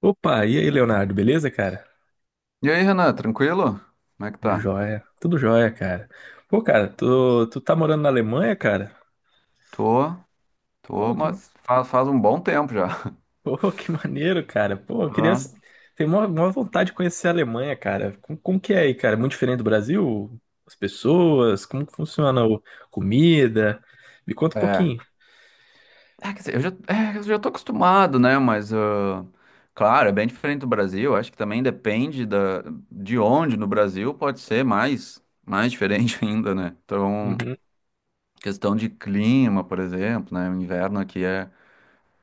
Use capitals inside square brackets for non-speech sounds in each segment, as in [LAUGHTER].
Opa, e aí, Leonardo, beleza, cara? E aí, Renan, tranquilo? Como é que Tudo tá? jóia, tudo jóia, cara. Pô, cara, tu tá morando na Alemanha, cara? Tô, tô, Pô, mas faz um bom tempo já. [LAUGHS] [LAUGHS] Que maneiro, cara. Pô, eu queria. Ah, Tenho uma maior vontade de conhecer a Alemanha, cara. Como que é aí, cara? Muito diferente do Brasil? As pessoas? Como que funciona a comida? Me conta um é. pouquinho. É, quer dizer, eu já tô acostumado, né? Mas, ah, claro, é bem diferente do Brasil. Acho que também depende de onde no Brasil pode ser mais diferente [LAUGHS] ainda, né? Então, Uhum. questão de clima, por exemplo, né? O inverno aqui é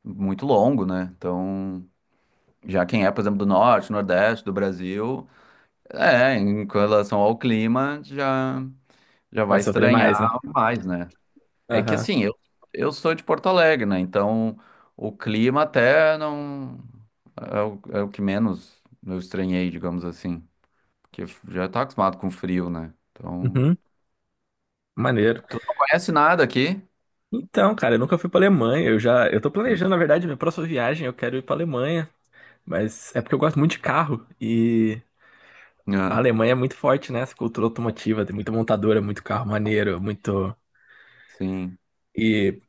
muito longo, né? Então, já quem é, por exemplo, do norte, nordeste do Brasil. É, em relação ao clima, já. Vai Vai sofrer estranhar mais, né? mais, né? É que Aham. assim, eu sou de Porto Alegre, né? Então o clima até não é o que menos eu estranhei, digamos assim. Porque já tá acostumado com frio, né? Então. Uhum. Maneiro. Tu não conhece nada aqui? Então, cara, eu nunca fui pra Alemanha. Eu tô planejando, na verdade, minha próxima viagem. Eu quero ir pra Alemanha. Mas é porque eu gosto muito de carro e a Ah, Alemanha é muito forte nessa cultura automotiva, tem muita montadora, muito carro maneiro, muito. sim. E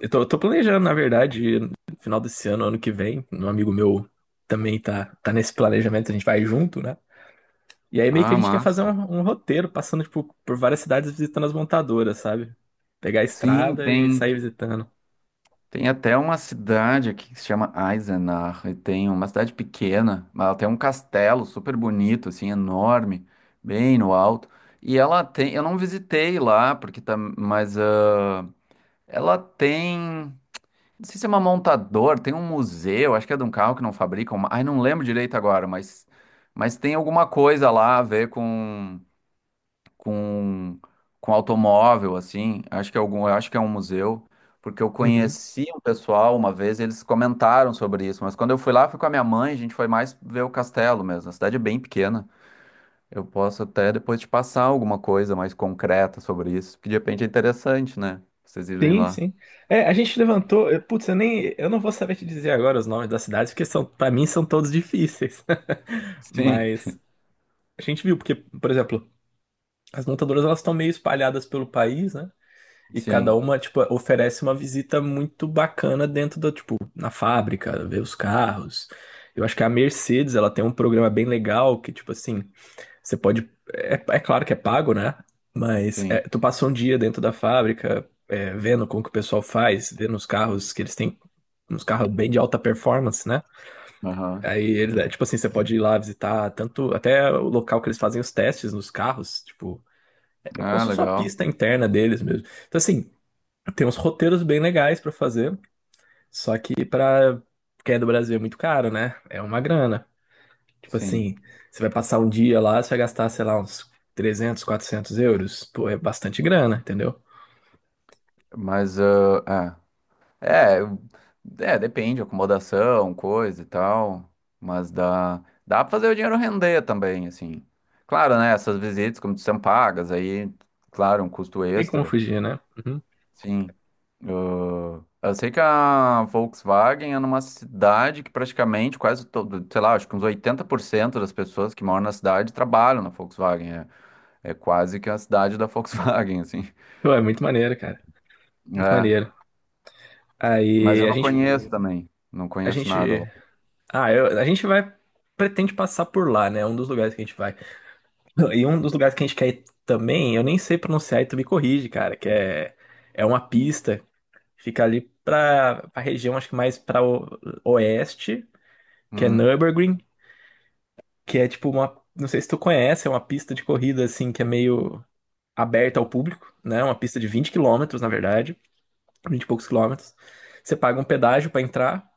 eu tô planejando, na verdade, no final desse ano, ano que vem, um amigo meu também tá nesse planejamento, a gente vai junto, né? E aí meio que a Ah, gente quer fazer um, massa. um roteiro, passando, tipo, por várias cidades visitando as montadoras, sabe? Pegar a Sim, estrada e tem. sair visitando. Tem até uma cidade aqui que se chama Eisenach, e tem uma cidade pequena, mas ela tem um castelo super bonito, assim, enorme, bem no alto. E ela tem, eu não visitei lá, porque tá, mas ah, ela tem, não sei se é uma montadora, tem um museu, acho que é de um carro que não fabricam, ai, não lembro direito agora, mas tem alguma coisa lá a ver com com, com automóvel, assim. Acho que é um museu, porque eu Uhum. conheci um pessoal uma vez, eles comentaram sobre isso, mas quando eu fui lá, fui com a minha mãe, a gente foi mais ver o castelo mesmo. A cidade é bem pequena. Eu posso até depois te passar alguma coisa mais concreta sobre isso, que de repente é interessante, né? Vocês irem Sim, lá. sim. É, a gente levantou. Putz, eu nem. Eu não vou saber te dizer agora os nomes das cidades, porque para mim são todos difíceis. Sim, Mas a gente viu, porque, por exemplo, as montadoras elas estão meio espalhadas pelo país, né? E cada sim, uma, tipo, oferece uma visita muito bacana dentro tipo, na fábrica, ver os carros. Eu acho que a Mercedes, ela tem um programa bem legal que, tipo assim, você pode. É claro que é pago, né? Mas é, sim. tu passa um dia dentro da fábrica, é, vendo como que o pessoal faz, vendo os carros que eles têm, uns carros bem de alta performance, né? Aham. Aí eles, é, tipo assim, você pode ir lá visitar tanto até o local que eles fazem os testes nos carros, tipo, é como Ah, se fosse uma legal. pista interna deles mesmo. Então assim, tem uns roteiros bem legais pra fazer, só que pra quem é do Brasil é muito caro, né? É uma grana. Tipo Sim. assim, você vai passar um dia lá, você vai gastar, sei lá, uns 300, 400 euros. Pô, é bastante grana, entendeu? Mas, ah, é. É, é, depende, acomodação, coisa e tal, mas dá pra fazer o dinheiro render também, assim. Claro, né, essas visitas, como são pagas, aí, claro, um custo Tem como extra, fugir, né? Uhum. sim. Ah, eu sei que a Volkswagen é numa cidade que praticamente quase todo, sei lá, acho que uns 80% das pessoas que moram na cidade trabalham na Volkswagen, é quase que a cidade da Volkswagen, [LAUGHS] assim. Pô, é muito maneiro, cara. Muito É, maneiro. mas Aí eu não conheço também, não a conheço nada lá. gente a gente vai. Pretende passar por lá, né? É um dos lugares que a gente vai. E um dos lugares que a gente quer ir também, eu nem sei pronunciar e tu me corrige, cara, que é uma pista, fica ali pra, região, acho que mais pra oeste, que é Uhum. Nürburgring, que é tipo uma. Não sei se tu conhece, é uma pista de corrida assim que é meio aberta ao público, né? Uma pista de 20 quilômetros, na verdade, 20 e poucos quilômetros. Você paga um pedágio pra entrar.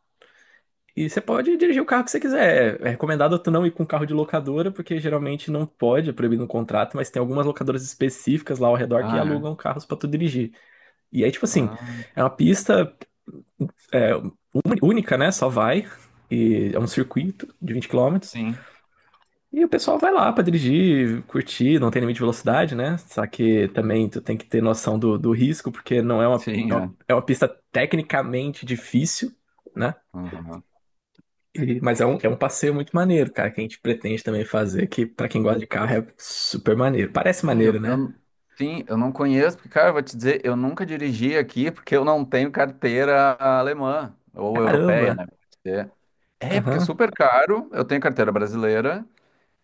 E você pode dirigir o carro que você quiser. É recomendado tu não ir com carro de locadora, porque geralmente não pode, é proibido no contrato, mas tem algumas locadoras específicas lá ao redor que Ah, é? alugam carros pra tu dirigir. E aí, tipo assim, Ah, é uma pista é, única, né? Só vai. E é um circuito de 20 quilômetros. sim, E o pessoal vai lá pra dirigir, curtir, não tem limite de velocidade, né? Só que também tu tem que ter noção do risco, porque não é uma, é sim, uma, é. é uma pista tecnicamente difícil. Né? Aham. Mas é um passeio muito maneiro, cara, que a gente pretende também fazer, que pra quem gosta de carro é super maneiro. Parece Ah, maneiro, né? Sim, eu não conheço, porque, cara, eu vou te dizer, eu nunca dirigi aqui porque eu não tenho carteira alemã ou europeia, Caramba! né? Pode ser. É, porque é Aham, super caro, eu tenho carteira brasileira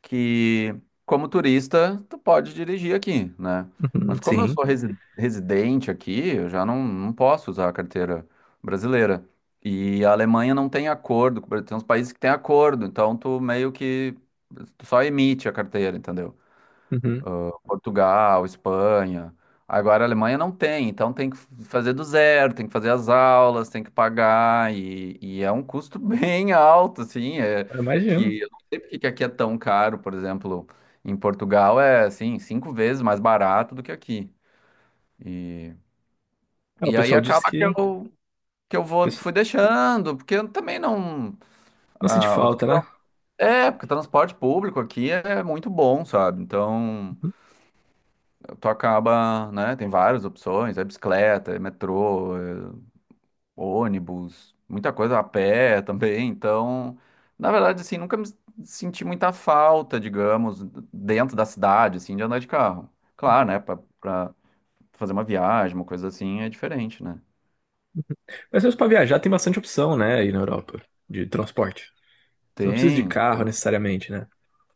que, como turista, tu pode dirigir aqui, né? uhum, Mas como eu sim. sou residente aqui, eu já não posso usar a carteira brasileira. E a Alemanha não tem acordo, com tem uns países que têm acordo, então tu meio que tu só emite a carteira, entendeu? Uhum. Portugal, Espanha. Agora a Alemanha não tem, então tem que fazer do zero, tem que fazer as aulas, tem que pagar, e é um custo [LAUGHS] bem alto, assim, é Eu imagino. que eu não sei porque que aqui é tão caro, por exemplo, em Portugal é, assim, cinco vezes mais barato do que aqui. E, Ah, o e aí pessoal disse acaba que que eu vou, pesso- fui deixando, porque eu também não... não sente ah, falta, né? é, porque transporte público aqui é muito bom, sabe? Então, Uhum. tu acaba, né? Tem várias opções, é bicicleta, é metrô, é ônibus, muita coisa a pé [LAUGHS] também. Então, na verdade, assim, nunca me senti muita falta, digamos, dentro da cidade, assim, de andar de carro. Claro, né? Pra fazer uma viagem, uma coisa assim, é diferente, né? Mas mesmo pra viajar tem bastante opção, né, aí na Europa, de transporte. Você não precisa de Tem. carro necessariamente, né?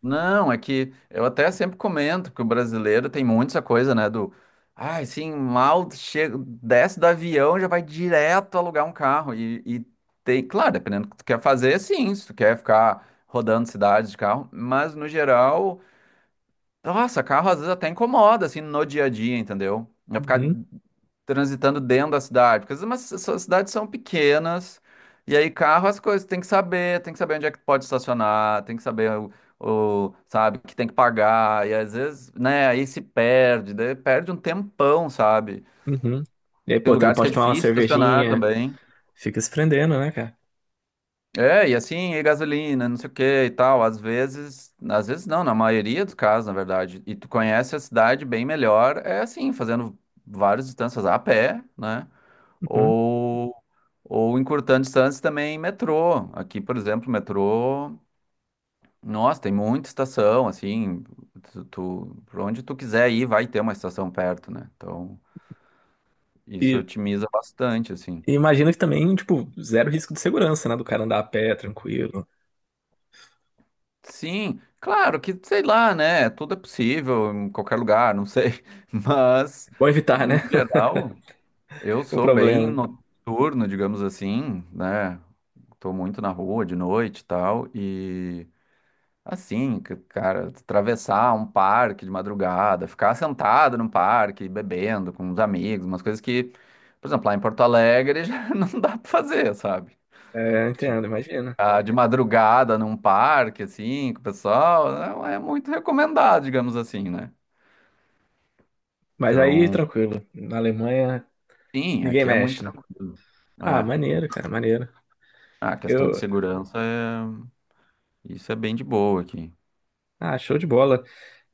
Não, é que eu até sempre comento que o brasileiro tem muito essa coisa, né, ai, sim, mal chega, desce do avião, já vai direto alugar um carro e tem, claro, dependendo do que tu quer fazer, sim, se tu quer ficar rodando cidades de carro, mas no geral nossa, carro às vezes até incomoda, assim, no dia a dia, entendeu? Vai ficar Uhum, transitando dentro da cidade, porque às vezes as cidades são pequenas, e aí carro as coisas, tem que saber onde é que pode estacionar, tem que saber o, sabe, que tem que pagar, e às vezes, né, aí se perde, daí perde um tempão, sabe? uhum. E aí, Tem pô, tu não lugares que é pode tomar uma difícil estacionar cervejinha, também. fica se prendendo, né, cara? É, e assim, e gasolina, não sei o que e tal. Às vezes não, na maioria dos casos, na verdade. E tu conhece a cidade bem melhor, é assim, fazendo várias distâncias a pé, né? Uhum. Ou, ou encurtando distâncias também em metrô. Aqui, por exemplo, metrô, nossa, tem muita estação, assim, tu, pra onde tu quiser ir, vai ter uma estação perto, né? Então, isso E, otimiza bastante, assim. e imagino que também, tipo, zero risco de segurança, né, do cara andar a pé, tranquilo. Sim, claro que, sei lá, né? Tudo é possível em qualquer lugar, não sei. [LAUGHS] Mas, Bom evitar, no né, geral, eu [LAUGHS] o sou bem problema. noturno, digamos assim, né? Tô muito na rua de noite e tal. E, assim, cara, atravessar um parque de madrugada, ficar sentado num parque, bebendo com os amigos, umas coisas que, por exemplo, lá em Porto Alegre [LAUGHS] já não dá pra fazer, sabe? É, entendo, imagina. Ah, de madrugada num parque, assim, com o pessoal, não é muito recomendado, digamos assim, né? Mas aí, Então, tranquilo, na Alemanha, sim, ninguém aqui é muito mexe, né? tranquilo. Ah, É. maneiro, cara, maneiro. Ah, a questão de Eu, segurança é... Isso é bem de boa aqui. show de bola.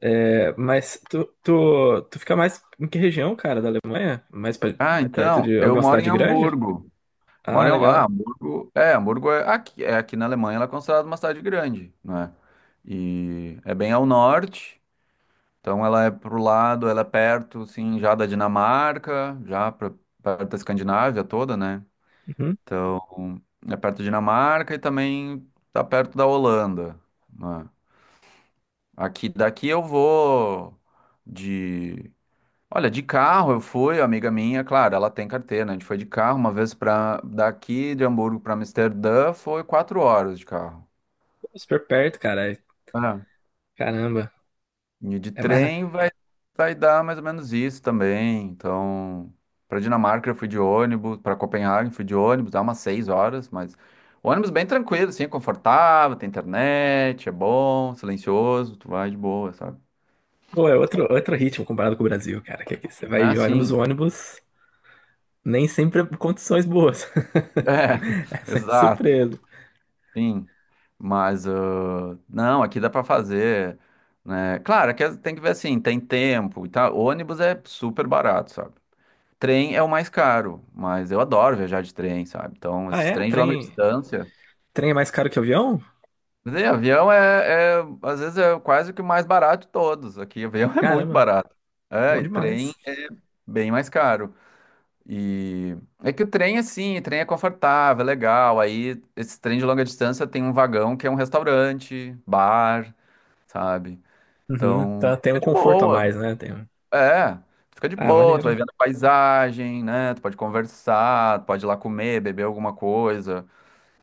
É, mas tu fica mais em que região, cara, da Alemanha? Mais Ah, perto então, de eu alguma moro em cidade grande? Hamburgo. Ah, legal. É, Hamburgo é aqui na Alemanha, ela é considerada uma cidade grande, né? E é bem ao norte, então ela é pro lado, ela é perto, assim, já da Dinamarca, já pra, perto da Escandinávia toda, né? Uhum. Então, é perto da Dinamarca e também tá perto da Holanda, né? Aqui daqui eu vou de, olha, de carro eu fui, amiga minha, claro, ela tem carteira, né? A gente foi de carro uma vez para daqui de Hamburgo para Amsterdã, foi 4 horas de carro. Super perto, cara. É. Caramba. E de É mais. trem vai dar mais ou menos isso também. Então, para Dinamarca eu fui de ônibus, para Copenhague fui de ônibus, dá umas 6 horas, mas ônibus bem tranquilo, assim, é confortável, tem internet, é bom, silencioso, tu vai de boa, sabe? Pô, é outro ritmo comparado com o Brasil, cara. Que aqui você vai Ah, de ônibus, o sim. ônibus nem sempre é condições boas. [LAUGHS] É, [LAUGHS] É sempre exato. surpresa. Sim. Mas ah, não, aqui dá para fazer, né? Claro, aqui tem que ver assim, tem tempo e tal. Ônibus é super barato, sabe? Trem é o mais caro, mas eu adoro viajar de trem, sabe? Então, Ah, esses é? trens de longa Trem, distância. trem é mais caro que avião? Mas aí, avião é, às vezes, é quase que o mais barato de todos. Aqui, avião [LAUGHS] é muito Caramba, barato. É, bom e trem demais. é bem mais caro. E é que o trem, assim, o trem é confortável, é legal. Aí, esse trem de longa distância tem um vagão que é um restaurante, bar, sabe? Uhum, Então, tá, tem um fica de conforto a boa. mais, né? Tem um... É, tu fica de Ah, boa, tu vai maneiro. vendo a paisagem, né? Tu pode conversar, tu pode ir lá comer, beber alguma coisa.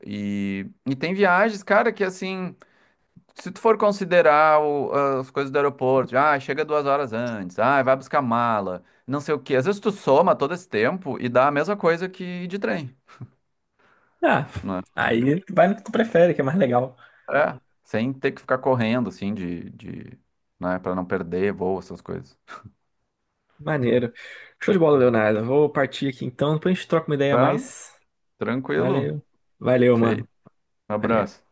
E tem viagens, cara, que assim, se tu for considerar ah, as coisas do aeroporto, ah, chega 2 horas antes, ah, vai buscar mala, não sei o quê. Às vezes tu soma todo esse tempo e dá a mesma coisa que de trem, Ah, né? aí vai no que tu prefere, que é mais legal. É, sem ter que ficar correndo, assim, de, né, pra não perder voo, essas coisas. Maneiro. Show de bola, Leonardo. Vou partir aqui então, depois a gente troca uma ideia a Tá? mais. Tranquilo. Valeu. Valeu, mano. Feito. Um Valeu. abraço.